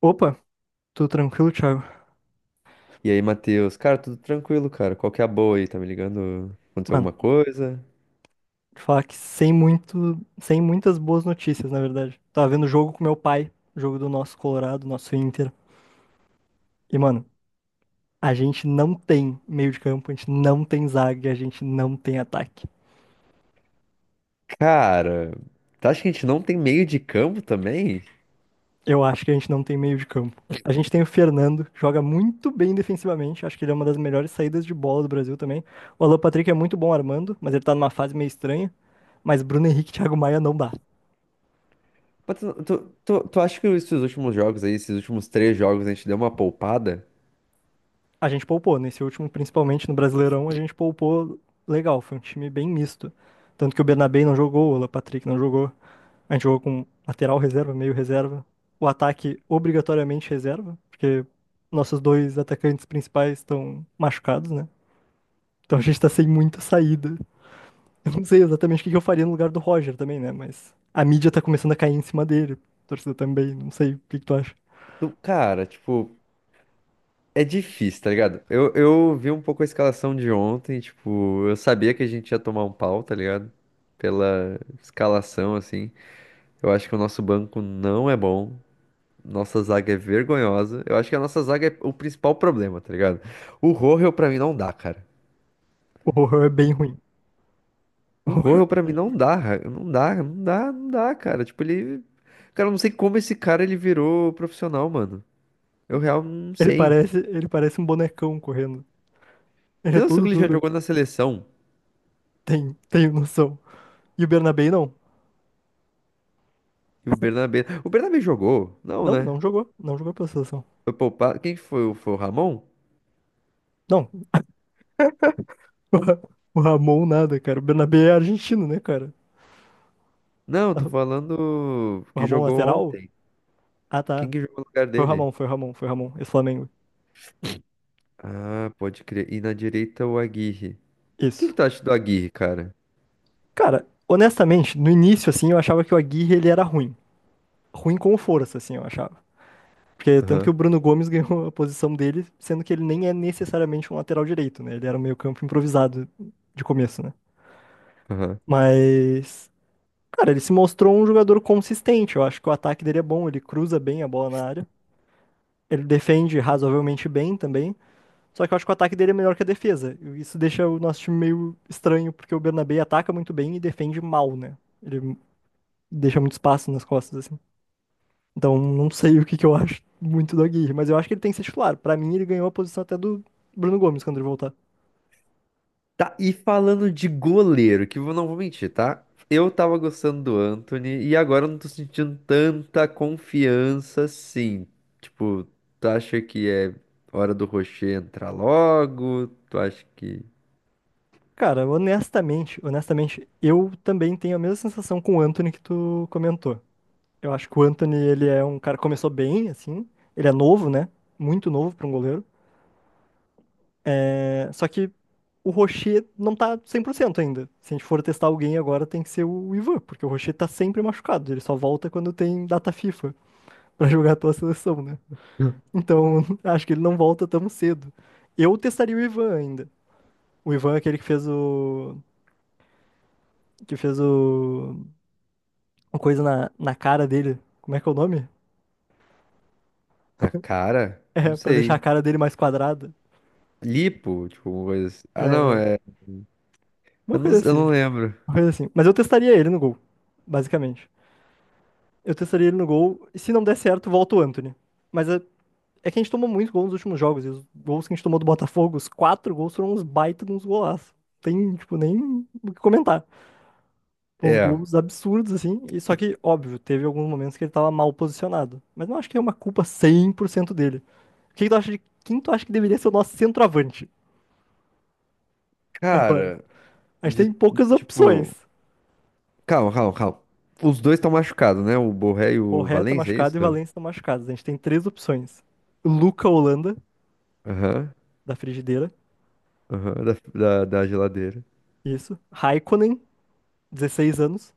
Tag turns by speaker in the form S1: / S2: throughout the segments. S1: Opa, tudo tranquilo, Thiago?
S2: E aí, Matheus? Cara, tudo tranquilo, cara. Qual que é a boa aí? Tá me ligando? Aconteceu
S1: Mano,
S2: alguma coisa?
S1: te falar que sem muitas boas notícias, na verdade. Tava vendo o jogo com meu pai, o jogo do nosso Colorado, nosso Inter. E, mano, a gente não tem meio de campo, a gente não tem zaga, e a gente não tem ataque.
S2: Cara, tu acha que a gente não tem meio de campo também?
S1: Eu acho que a gente não tem meio de campo. A gente tem o Fernando, que joga muito bem defensivamente, acho que ele é uma das melhores saídas de bola do Brasil também. O Alan Patrick é muito bom armando, mas ele tá numa fase meio estranha. Mas Bruno Henrique e Thiago Maia não dá.
S2: Mas tu acha que esses últimos jogos aí, esses últimos três jogos, a gente deu uma poupada?
S1: A gente poupou, nesse último, principalmente no Brasileirão, a gente poupou legal, foi um time bem misto. Tanto que o Bernabé não jogou, o Alan Patrick não jogou. A gente jogou com lateral reserva, meio reserva. O ataque obrigatoriamente reserva, porque nossos dois atacantes principais estão machucados, né? Então a gente tá sem muita saída. Eu não sei exatamente o que que eu faria no lugar do Roger também, né? Mas a mídia tá começando a cair em cima dele, a torcida também, não sei o que que tu acha.
S2: Cara, tipo, é difícil, tá ligado? Eu vi um pouco a escalação de ontem, tipo, eu sabia que a gente ia tomar um pau, tá ligado? Pela escalação, assim. Eu acho que o nosso banco não é bom. Nossa zaga é vergonhosa. Eu acho que a nossa zaga é o principal problema, tá ligado? O Rojo pra mim não dá, cara.
S1: O Rohan é bem ruim. O
S2: O
S1: Rohan é
S2: Rojo pra mim
S1: bem
S2: não
S1: ruim.
S2: dá, não dá, não dá, não dá, cara. Tipo, ele. Cara, eu não sei como esse cara ele virou profissional, mano. Eu real não
S1: Ele
S2: sei.
S1: parece, ele parece um bonecão correndo. Ele é
S2: Tem noção
S1: todo
S2: que ele já
S1: duro.
S2: jogou na seleção?
S1: Tem, tenho noção. E o Bernabé não.
S2: E o Bernabé. O Bernabé jogou? Não,
S1: Não,
S2: né?
S1: não jogou. Não jogou pela seleção.
S2: Foi poupado. Quem que foi? Foi o Ramon?
S1: Não. O Ra- o Ramon nada, cara. O Bernabé é argentino, né, cara?
S2: Não, tô falando
S1: O
S2: que
S1: Ramon
S2: jogou
S1: lateral?
S2: ontem.
S1: Ah, tá.
S2: Quem que jogou no lugar
S1: Foi o
S2: dele?
S1: Ramon, foi o Ramon, foi o Ramon. Esse Flamengo.
S2: Ah, pode crer. E na direita o Aguirre. O que que
S1: Isso.
S2: tu acha do Aguirre, cara?
S1: Cara, honestamente, no início, assim, eu achava que o Aguirre, ele era ruim. Ruim com força, assim, eu achava. Porque tanto que o
S2: Aham,
S1: Bruno Gomes ganhou a posição dele, sendo que ele nem é necessariamente um lateral direito, né? Ele era um meio campo improvisado de começo, né?
S2: aham.
S1: Mas Cara, ele se mostrou um jogador consistente. Eu acho que o ataque dele é bom, ele cruza bem a bola na área. Ele defende razoavelmente bem também. Só que eu acho que o ataque dele é melhor que a defesa. E isso deixa o nosso time meio estranho, porque o Bernabé ataca muito bem e defende mal, né? Ele deixa muito espaço nas costas, assim. Então, não sei o que que eu acho muito do Aguirre, mas eu acho que ele tem que ser titular. Pra mim, ele ganhou a posição até do Bruno Gomes quando ele voltar.
S2: Tá, e falando de goleiro, que eu não vou mentir, tá? Eu tava gostando do Anthony e agora eu não tô sentindo tanta confiança assim. Tipo, tu acha que é hora do Rocher entrar logo? Tu acha que.
S1: Cara, honestamente, eu também tenho a mesma sensação com o Anthony que tu comentou. Eu acho que o Antony, ele é um cara que começou bem, assim. Ele é novo, né? Muito novo para um goleiro. É, só que o Rocher não tá 100% ainda. Se a gente for testar alguém agora, tem que ser o Ivan, porque o Rocher tá sempre machucado. Ele só volta quando tem data FIFA pra jogar a tua seleção, né? Então, acho que ele não volta tão cedo. Eu testaria o Ivan ainda. O Ivan é aquele que fez o... uma coisa na cara dele. Como é que é o nome?
S2: Na cara? Não
S1: É, pra deixar a
S2: sei.
S1: cara dele mais quadrada.
S2: Lipo, tipo, uma coisa assim. Ah, não,
S1: É,
S2: é.
S1: uma
S2: Eu não,
S1: coisa
S2: eu não
S1: assim.
S2: lembro.
S1: Uma coisa assim. Mas eu testaria ele no gol, basicamente. Eu testaria ele no gol, e se não der certo, volta o Anthony. Mas é, é que a gente tomou muito gol nos últimos jogos, e os gols que a gente tomou do Botafogo, os quatro gols foram uns baita de uns golaços. Tem, tipo, nem o que comentar. Uns
S2: É,
S1: gols absurdos, assim, e só que, óbvio, teve alguns momentos que ele tava mal posicionado. Mas não acho que é uma culpa 100% dele. O que que tu acha de quem tu acha que deveria ser o nosso centroavante agora?
S2: cara,
S1: A gente tem
S2: de
S1: poucas opções.
S2: tipo. Calma, calma, calma. Os dois estão machucados, né? O Borré e o
S1: Borré tá
S2: Valencia, é isso?
S1: machucado e Valencia tá machucado. A gente tem três opções. Luca Holanda,
S2: Aham.
S1: da frigideira,
S2: Aham, da geladeira.
S1: isso. Raikkonen, 16 anos.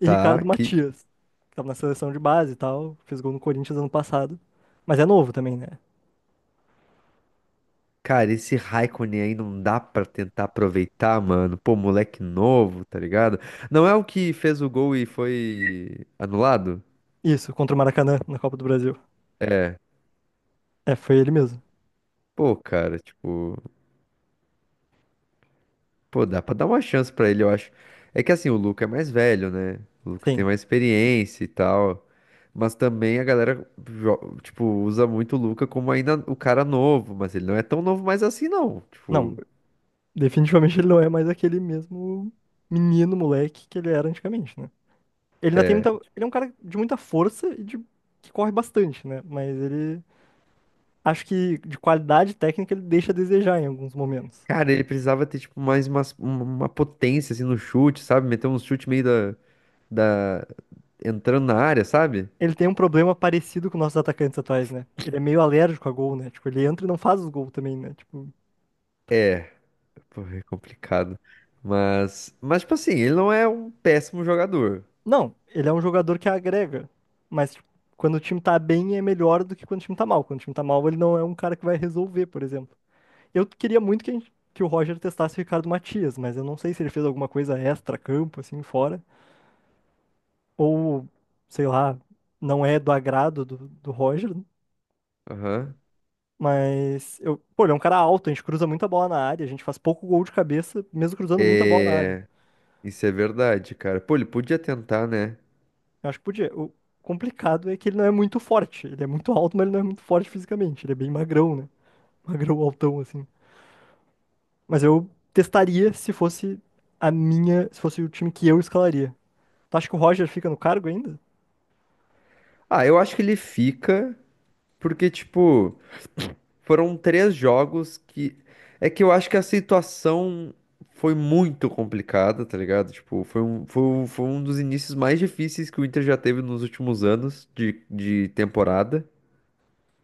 S1: E
S2: Tá,
S1: Ricardo
S2: que.
S1: Matias, que tava na seleção de base e tal, fez gol no Corinthians ano passado. Mas é novo também, né?
S2: Cara, esse Raikkonen aí não dá pra tentar aproveitar, mano. Pô, moleque novo, tá ligado? Não é o que fez o gol e foi anulado?
S1: Isso, contra o Maracanã, na Copa do Brasil. É, foi ele mesmo.
S2: Pô, cara, tipo. Pô, dá pra dar uma chance pra ele, eu acho. É que assim, o Luca é mais velho, né? O Luca tem
S1: Sim.
S2: mais experiência e tal. Mas também a galera, tipo, usa muito o Luca como ainda o cara novo. Mas ele não é tão novo mais assim, não.
S1: Não,
S2: Tipo.
S1: definitivamente ele não é mais aquele mesmo menino, moleque que ele era antigamente, né? Ele ainda tem muita...
S2: É,
S1: Ele é um cara de muita força e de... que corre bastante, né? Mas ele acho que de qualidade técnica ele deixa a desejar em alguns momentos.
S2: cara, ele precisava ter, tipo, mais uma potência, assim, no chute, sabe? Meter um chute meio da, da- entrando na área, sabe?
S1: Ele tem um problema parecido com nossos atacantes atuais, né? Ele é meio alérgico a gol, né? Tipo, ele entra e não faz os gols também, né? Tipo,
S2: É, pô, é complicado. Mas, tipo assim, ele não é um péssimo jogador.
S1: não, ele é um jogador que agrega, mas tipo, quando o time tá bem é melhor do que quando o time tá mal. Quando o time tá mal, ele não é um cara que vai resolver, por exemplo. Eu queria muito que, que o Roger testasse o Ricardo Matias, mas eu não sei se ele fez alguma coisa extra-campo, assim, fora, ou sei lá, não é do agrado do Roger.
S2: Aham.
S1: Mas eu, pô, ele é um cara alto, a gente cruza muita bola na área, a gente faz pouco gol de cabeça, mesmo cruzando muita bola na área.
S2: É, isso é verdade, cara. Pô, ele podia tentar, né?
S1: Eu acho que podia. O complicado é que ele não é muito forte. Ele é muito alto, mas ele não é muito forte fisicamente. Ele é bem magrão, né? Magrão, altão, assim. Mas eu testaria se fosse a minha, se fosse o time que eu escalaria. Tu acha que o Roger fica no cargo ainda?
S2: Ah, eu acho que ele fica, porque, tipo. Foram três jogos que. É que eu acho que a situação foi muito complicada, tá ligado? Tipo, foi um dos inícios mais difíceis que o Inter já teve nos últimos anos de temporada.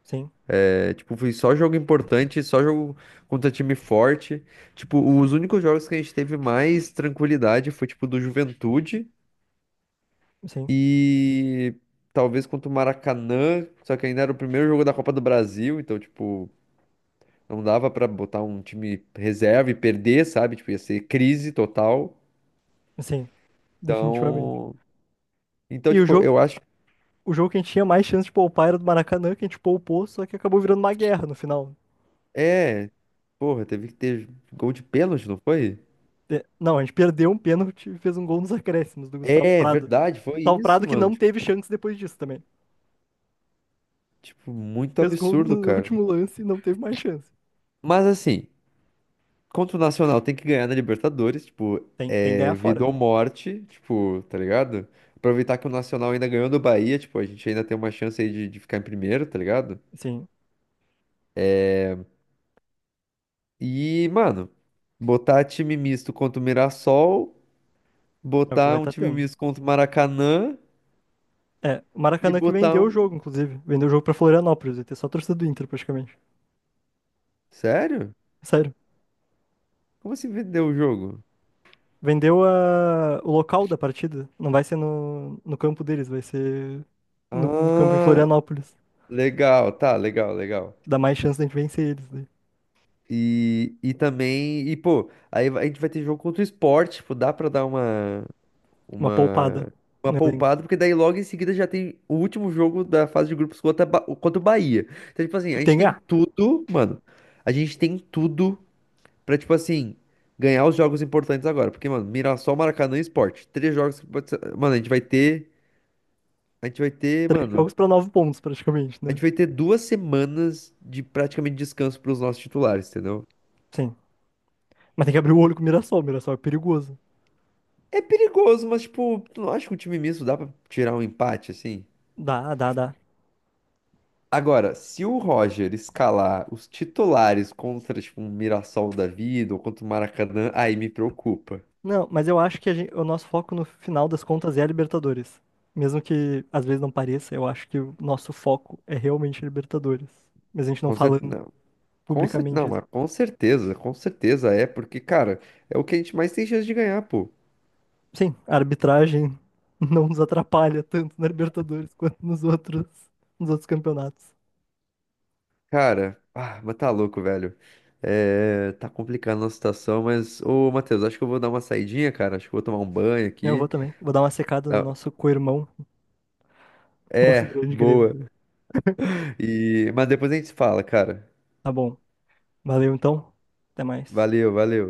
S1: Sim,
S2: É, tipo, foi só jogo importante, só jogo contra time forte. Tipo, os únicos jogos que a gente teve mais tranquilidade foi, tipo, do Juventude
S1: sim,
S2: e talvez contra o Maracanã, só que ainda era o primeiro jogo da Copa do Brasil, então, tipo. Não dava pra botar um time reserva e perder, sabe? Tipo, ia ser crise total.
S1: sim, definitivamente.
S2: Então, então
S1: E
S2: tipo, eu acho,
S1: o jogo que a gente tinha mais chance de poupar era do Maracanã, que a gente poupou, só que acabou virando uma guerra no final, né?
S2: é, porra, teve que ter gol de pênalti, não foi?
S1: É. Não, a gente perdeu um pênalti e fez um gol nos acréscimos do Gustavo
S2: É,
S1: Prado.
S2: verdade, foi
S1: Gustavo
S2: isso,
S1: Prado que
S2: mano.
S1: não
S2: Tipo,
S1: teve chance depois disso também.
S2: tipo, muito
S1: Fez gol
S2: absurdo,
S1: no
S2: cara.
S1: último lance e não teve mais chance.
S2: Mas assim, contra o Nacional tem que ganhar na Libertadores, tipo,
S1: Tem, tem que ganhar
S2: é
S1: fora.
S2: vida ou morte, tipo, tá ligado? Aproveitar que o Nacional ainda ganhou do Bahia, tipo, a gente ainda tem uma chance aí de ficar em primeiro, tá ligado?
S1: Sim,
S2: E, mano, botar time misto contra o Mirassol,
S1: é o que
S2: botar
S1: vai
S2: um
S1: estar
S2: time
S1: tendo.
S2: misto contra o Maracanã
S1: É, o
S2: e
S1: Maracanã que
S2: botar
S1: vendeu o
S2: um.
S1: jogo, inclusive. Vendeu o jogo pra Florianópolis. Vai ter só a torcida do Inter, praticamente.
S2: Sério?
S1: Sério.
S2: Como assim vendeu o jogo?
S1: O local da partida. Não vai ser no campo deles, vai ser no campo em
S2: Ah,
S1: Florianópolis.
S2: legal, tá, legal, legal.
S1: Dá mais chance da gente vencer eles, né?
S2: E também, e pô, a gente vai ter jogo contra o Sport, tipo, dá pra dar
S1: Uma
S2: uma,
S1: poupada
S2: uma
S1: no elenco.
S2: poupada, porque daí logo em seguida já tem o último jogo da fase de grupos contra, contra o Bahia. Então, tipo assim,
S1: E
S2: a gente
S1: tem que
S2: tem
S1: ganhar.
S2: tudo, mano, a gente tem tudo pra, tipo assim, ganhar os jogos importantes agora. Porque, mano, Mirassol, Maracanã e Sport. Três jogos que pode ser... Mano, a gente vai ter. A gente vai ter,
S1: Três
S2: mano.
S1: jogos pra nove pontos, praticamente,
S2: A
S1: né?
S2: gente vai ter duas semanas de praticamente descanso pros nossos titulares, entendeu?
S1: Sim. Mas tem que abrir o olho com o Mirassol. O Mirassol é perigoso.
S2: É perigoso, mas, tipo, tu não acha que o time misto dá pra tirar um empate, assim?
S1: Dá, dá, dá.
S2: Agora, se o Roger escalar os titulares contra, tipo, um Mirassol da vida ou contra o Maracanã, aí me preocupa.
S1: Não, mas eu acho que o nosso foco no final das contas é a Libertadores. Mesmo que às vezes não pareça, eu acho que o nosso foco é realmente a Libertadores. Mas a gente não
S2: Com
S1: falando
S2: certeza, com cer...
S1: publicamente
S2: Não,
S1: isso.
S2: mas com certeza é, porque, cara, é o que a gente mais tem chance de ganhar, pô.
S1: Sim, a arbitragem não nos atrapalha tanto na Libertadores quanto nos outros campeonatos.
S2: Cara, ah, mas tá louco, velho. É, tá complicando a situação, mas, ô, Matheus, acho que eu vou dar uma saidinha, cara. Acho que eu vou tomar um banho
S1: Eu vou
S2: aqui.
S1: também. Vou dar uma secada no
S2: Ah,
S1: nosso co-irmão, nosso
S2: é,
S1: grande Grêmio.
S2: boa. E... Mas depois a gente se fala, cara.
S1: Tá bom. Valeu então. Até mais.
S2: Valeu.